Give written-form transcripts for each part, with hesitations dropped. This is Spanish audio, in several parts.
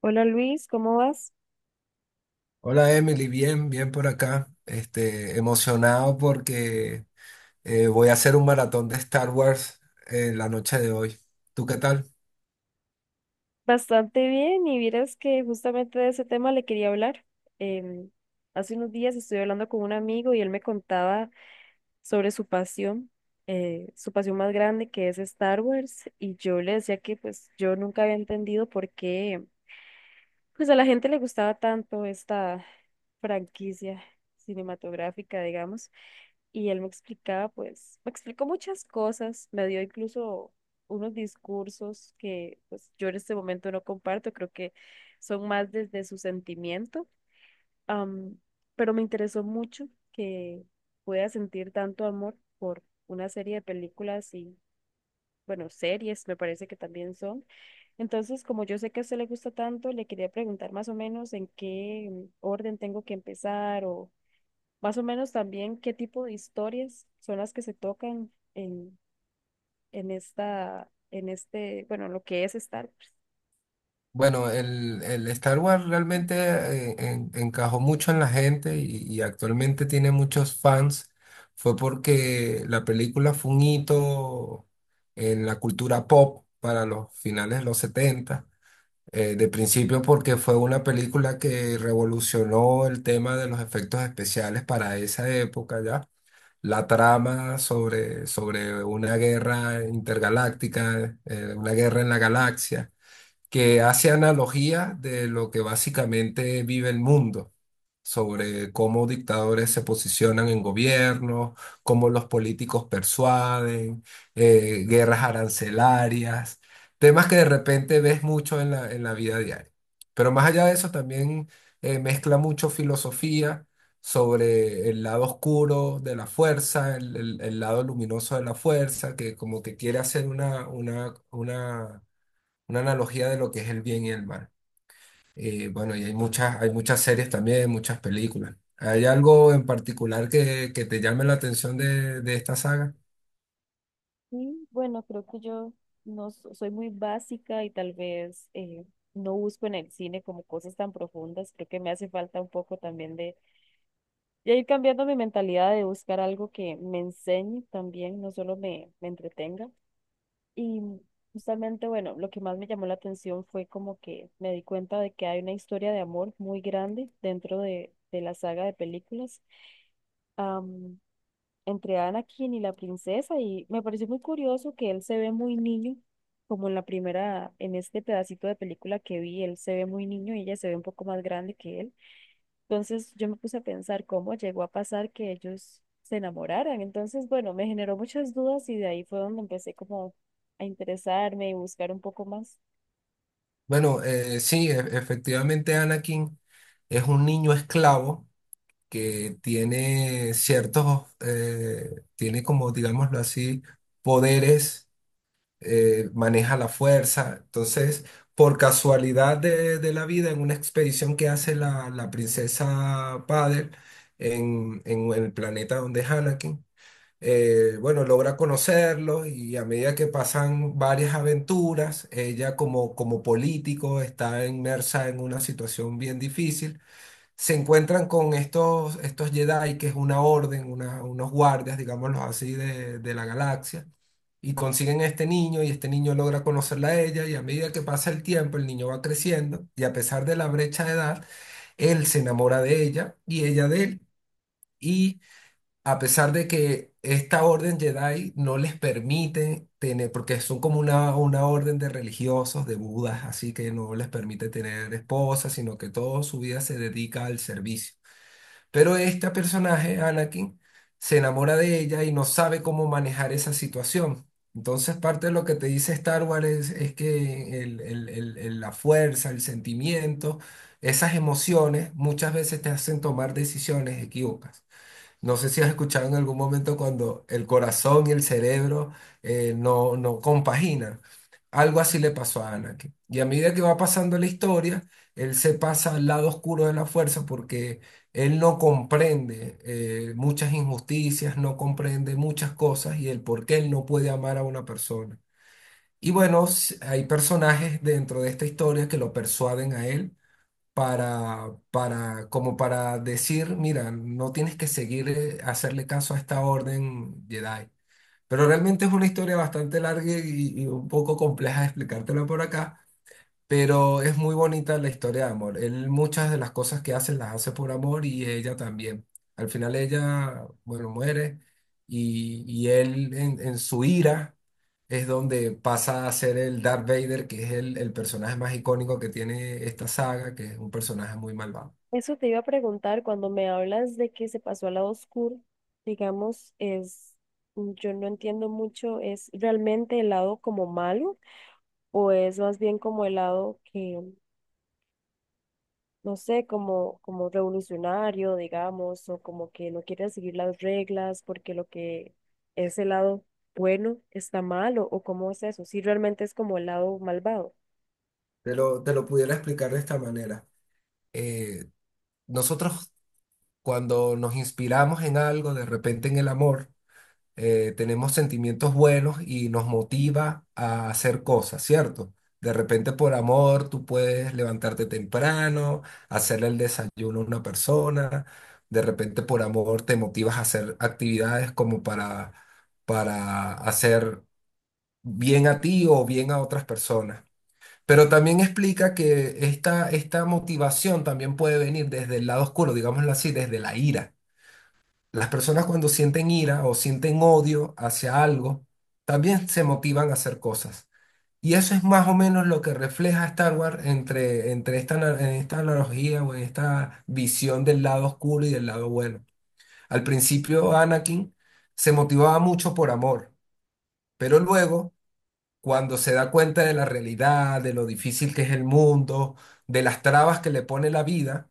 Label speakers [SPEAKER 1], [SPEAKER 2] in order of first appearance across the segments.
[SPEAKER 1] Hola Luis, ¿cómo vas?
[SPEAKER 2] Hola Emily, bien, bien por acá. Emocionado porque voy a hacer un maratón de Star Wars en la noche de hoy. ¿Tú qué tal?
[SPEAKER 1] Bastante bien y vieras que justamente de ese tema le quería hablar. Em, Hace unos días estuve hablando con un amigo y él me contaba sobre su pasión más grande que es Star Wars, y yo le decía que pues yo nunca había entendido por qué pues a la gente le gustaba tanto esta franquicia cinematográfica, digamos. Y él me explicaba, pues, me explicó muchas cosas, me dio incluso unos discursos que pues yo en este momento no comparto. Creo que son más desde su sentimiento, am, pero me interesó mucho que pueda sentir tanto amor por una serie de películas y, bueno, series me parece que también son. Entonces, como yo sé que a usted le gusta tanto, le quería preguntar más o menos en qué orden tengo que empezar, o más o menos también qué tipo de historias son las que se tocan en, en este, bueno, lo que es Star Wars.
[SPEAKER 2] Bueno, el Star Wars realmente encajó mucho en la gente y actualmente tiene muchos fans. Fue porque la película fue un hito en la cultura pop para los finales de los 70. De principio porque fue una película que revolucionó el tema de los efectos especiales para esa época ya. La trama sobre una guerra intergaláctica, una guerra en la galaxia que hace analogía de lo que básicamente vive el mundo, sobre cómo dictadores se posicionan en gobierno, cómo los políticos persuaden, guerras arancelarias, temas que de repente ves mucho en la vida diaria. Pero más allá de eso, también mezcla mucho filosofía, sobre el lado oscuro de la fuerza, el lado luminoso de la fuerza, que como que quiere hacer una analogía de lo que es el bien y el mal. Bueno, y hay muchas series también, muchas películas. ¿Hay algo en particular que te llame la atención de esta saga?
[SPEAKER 1] Y bueno, creo que yo no so- soy muy básica y tal vez no busco en el cine como cosas tan profundas. Creo que me hace falta un poco también de ir cambiando mi mentalidad de buscar algo que me enseñe también, no solo me entretenga. Y justamente, bueno, lo que más me llamó la atención fue como que me di cuenta de que hay una historia de amor muy grande dentro de la saga de películas, am, entre Anakin y la princesa, y me pareció muy curioso que él se ve muy niño, como en la primera, en este pedacito de película que vi, él se ve muy niño y ella se ve un poco más grande que él. Entonces yo me puse a pensar cómo llegó a pasar que ellos se enamoraran. Entonces, bueno, me generó muchas dudas y de ahí fue donde empecé como a interesarme y buscar un poco más.
[SPEAKER 2] Bueno, sí, efectivamente Anakin es un niño esclavo que tiene ciertos, tiene como, digámoslo así, poderes, maneja la fuerza. Entonces, por casualidad de la vida, en una expedición que hace la princesa Padel en el planeta donde es Anakin, bueno, logra conocerlos, y a medida que pasan varias aventuras, ella como, como político está inmersa en una situación bien difícil. Se encuentran con estos Jedi, que es una orden, unos guardias, digámoslo así, de la galaxia, y consiguen a este niño y este niño logra conocerla a ella, y a medida que pasa el tiempo el niño va creciendo, y a pesar de la brecha de edad, él se enamora de ella y ella de él, y a pesar de que esta orden Jedi no les permite tener, porque son como una orden de religiosos, de budas, así que no les permite tener esposas, sino que toda su vida se dedica al servicio. Pero este personaje, Anakin, se enamora de ella y no sabe cómo manejar esa situación. Entonces, parte de lo que te dice Star Wars es que la fuerza, el sentimiento, esas emociones muchas veces te hacen tomar decisiones equívocas. No sé si has escuchado en algún momento cuando el corazón y el cerebro no, no compaginan. Algo así le pasó a Anakin. Y a medida que va pasando la historia, él se pasa al lado oscuro de la fuerza porque él no comprende muchas injusticias, no comprende muchas cosas y el por qué él no puede amar a una persona. Y bueno, hay personajes dentro de esta historia que lo persuaden a él para, como para decir, mira, no tienes que seguir, hacerle caso a esta orden Jedi. Pero realmente es una historia bastante larga y un poco compleja de explicártela por acá, pero es muy bonita la historia de amor. Él muchas de las cosas que hace las hace por amor, y ella también. Al final ella, bueno, muere, y él en su ira es donde pasa a ser el Darth Vader, que es el personaje más icónico que tiene esta saga, que es un personaje muy malvado.
[SPEAKER 1] Eso te iba a preguntar cuando me hablas de que se pasó al lado oscuro, digamos, es, mm, yo no entiendo mucho. ¿Es realmente el lado como malo, o es más bien como el lado que, no sé, como, como revolucionario, digamos, o como que no quieren seguir las reglas porque lo que es el lado bueno está mal? ¿O, o cómo es eso, si realmente es como el lado malvado?
[SPEAKER 2] Te lo pudiera explicar de esta manera. Eh, Nosotros cuando nos inspiramos en algo, de repente en el amor, tenemos sentimientos buenos y nos motiva a hacer cosas, ¿cierto? De repente por amor tú puedes levantarte temprano, hacerle el desayuno a una persona, de repente por amor te motivas a hacer actividades como para, hacer bien a ti o bien a otras personas. Pero también explica que esta motivación también puede venir desde el lado oscuro, digámoslo así, desde la ira. Las personas cuando sienten ira o sienten odio hacia algo, también se motivan a hacer cosas. Y eso es más o menos lo que refleja Star Wars entre en esta analogía o en esta visión del lado oscuro y del lado bueno. Al principio Anakin se motivaba mucho por amor, pero luego, cuando se da cuenta de la realidad, de lo difícil que es el mundo, de las trabas que le pone la vida,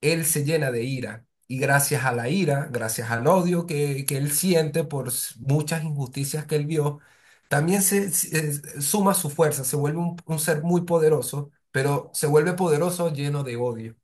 [SPEAKER 2] él se llena de ira. Y gracias a la ira, gracias al odio que él siente por muchas injusticias que él vio, también suma su fuerza, se vuelve un ser muy poderoso, pero se vuelve poderoso lleno de odio.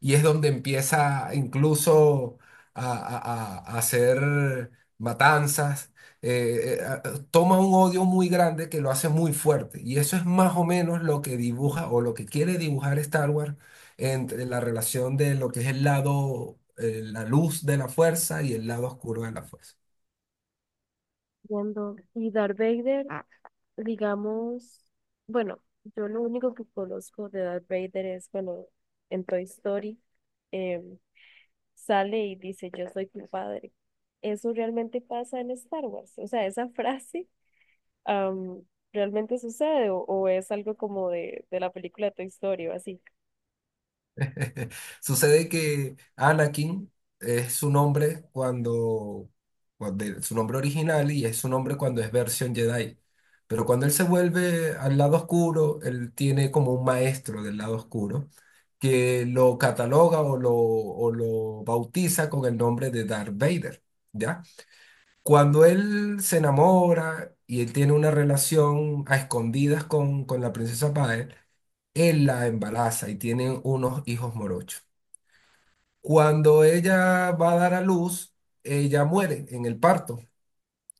[SPEAKER 2] Y es donde empieza incluso a hacer matanzas. eh, eh, a- Toma un odio muy grande que lo hace muy fuerte. Y eso es más o menos lo que dibuja o lo que quiere dibujar Star Wars entre la relación de lo que es el lado, la luz de la fuerza y el lado oscuro de la fuerza.
[SPEAKER 1] Entiendo. Y Darth Vader, ah, digamos, bueno, yo lo único que conozco de Darth Vader es cuando en Toy Story em, sale y dice, "Yo soy tu padre". ¿Eso realmente pasa en Star Wars? O sea, esa frase, am, ¿realmente sucede, o es algo como de la película Toy Story o así?
[SPEAKER 2] Sucede que Anakin es su nombre cuando, su nombre original, y es su nombre cuando es versión Jedi. Pero cuando él se vuelve al lado oscuro, él tiene como un maestro del lado oscuro que lo cataloga, o lo bautiza con el nombre de Darth Vader, ¿ya? Cuando él se enamora y él tiene una relación a escondidas con la princesa Padme, él la embaraza y tienen unos hijos morochos. Cuando ella va a dar a luz, ella muere en el parto.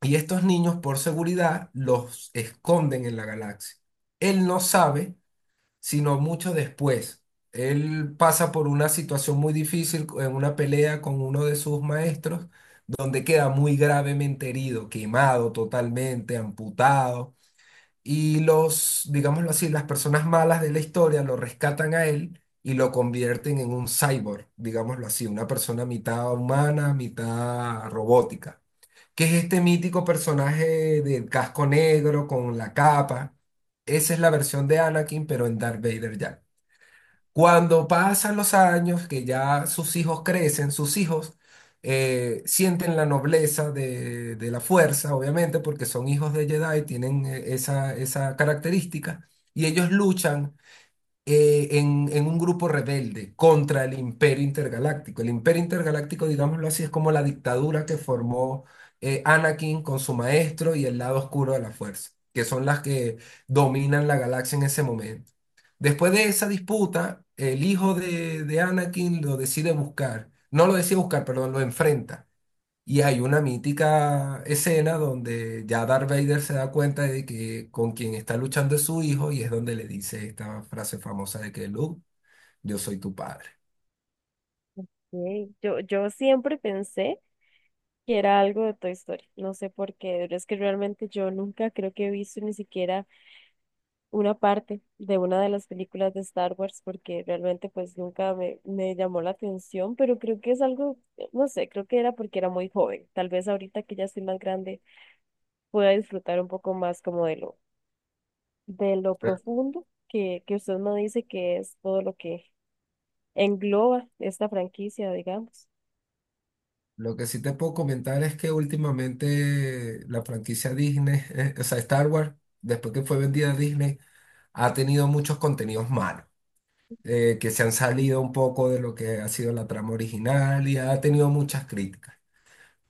[SPEAKER 2] Y estos niños, por seguridad, los esconden en la galaxia. Él no sabe, sino mucho después. Él pasa por una situación muy difícil en una pelea con uno de sus maestros, donde queda muy gravemente herido, quemado totalmente, amputado. Y los, digámoslo así, las personas malas de la historia lo rescatan a él y lo convierten en un cyborg, digámoslo así, una persona mitad humana, mitad robótica, que es este mítico personaje del casco negro con la capa. Esa es la versión de Anakin, pero en Darth Vader ya. Cuando pasan los años, que ya sus hijos crecen, sus hijos sienten la nobleza de la fuerza, obviamente, porque son hijos de Jedi, tienen esa, esa característica, y ellos luchan en un grupo rebelde contra el Imperio Intergaláctico. El Imperio Intergaláctico, digámoslo así, es como la dictadura que formó Anakin con su maestro y el lado oscuro de la fuerza, que son las que dominan la galaxia en ese momento. Después de esa disputa, el hijo de Anakin lo decide buscar, no lo decide buscar, perdón, lo enfrenta, y hay una mítica escena donde ya Darth Vader se da cuenta de que con quien está luchando es su hijo, y es donde le dice esta frase famosa de que Luke, yo soy tu padre.
[SPEAKER 1] Ok. Yo siempre pensé que era algo de Toy Story, no sé por qué, pero es que realmente yo nunca creo que he visto ni siquiera una parte de una de las películas de Star Wars porque realmente pues nunca me llamó la atención, pero creo que es algo, no sé, creo que era porque era muy joven. Tal vez ahorita que ya estoy más grande pueda disfrutar un poco más como de lo
[SPEAKER 2] Pero
[SPEAKER 1] profundo que usted me dice que es todo lo que engloba esta franquicia, digamos.
[SPEAKER 2] Lo que sí te puedo comentar es que últimamente la franquicia Disney, o sea, Star Wars, después que fue vendida a Disney, ha tenido muchos contenidos malos, que se han salido un poco de lo que ha sido la trama original, y ha tenido muchas críticas.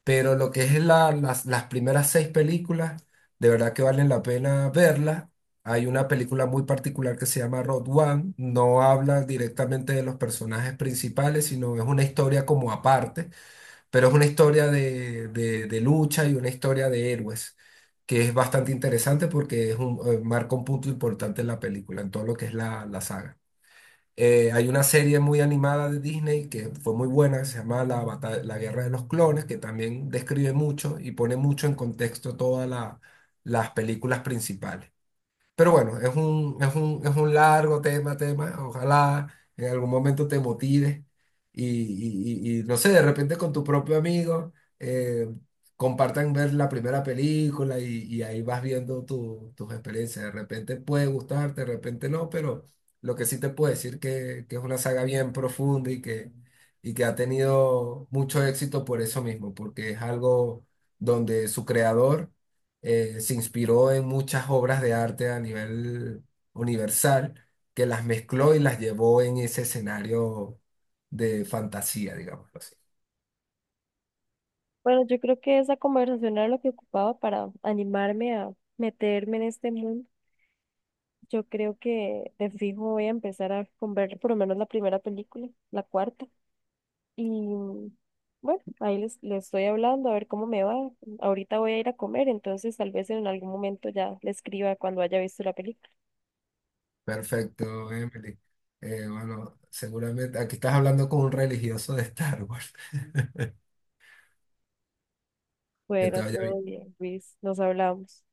[SPEAKER 2] Pero lo que es las primeras seis películas, de verdad que valen la pena verlas. Hay una película muy particular que se llama Road One. No habla directamente de los personajes principales, sino es una historia como aparte, pero es una historia de, de lucha y una historia de héroes, que es bastante interesante porque marca un punto importante en la película, en todo lo que es la saga. Hay una serie muy animada de Disney que fue muy buena, que se llama La Guerra de los Clones, que también describe mucho y pone mucho en contexto todas las películas principales. Pero bueno, es un largo tema. Ojalá en algún momento te motives, no sé, de repente con tu propio amigo eh, compartan ver la primera película, y ahí vas viendo tus experiencias. De repente puede gustarte, de repente no, pero lo que sí te puedo decir que es una saga bien profunda, y que ha tenido mucho éxito por eso mismo, porque es algo donde su creador se inspiró en muchas obras de arte a nivel universal, que las mezcló y las llevó en ese escenario de fantasía, digámoslo así.
[SPEAKER 1] Bueno, yo creo que esa conversación era lo que ocupaba para animarme a meterme en este mundo. Yo creo que de fijo voy a empezar a con ver por lo menos la primera película, la cuarta. Y bueno, ahí les estoy hablando a ver cómo me va. Ahorita voy a ir a comer, entonces tal vez en algún momento ya le escriba cuando haya visto la película.
[SPEAKER 2] Perfecto, Emily. Bueno, seguramente aquí estás hablando con un religioso de Star Wars. Que te
[SPEAKER 1] Bueno,
[SPEAKER 2] vaya
[SPEAKER 1] todo
[SPEAKER 2] bien.
[SPEAKER 1] bien, Luis, nos hablamos.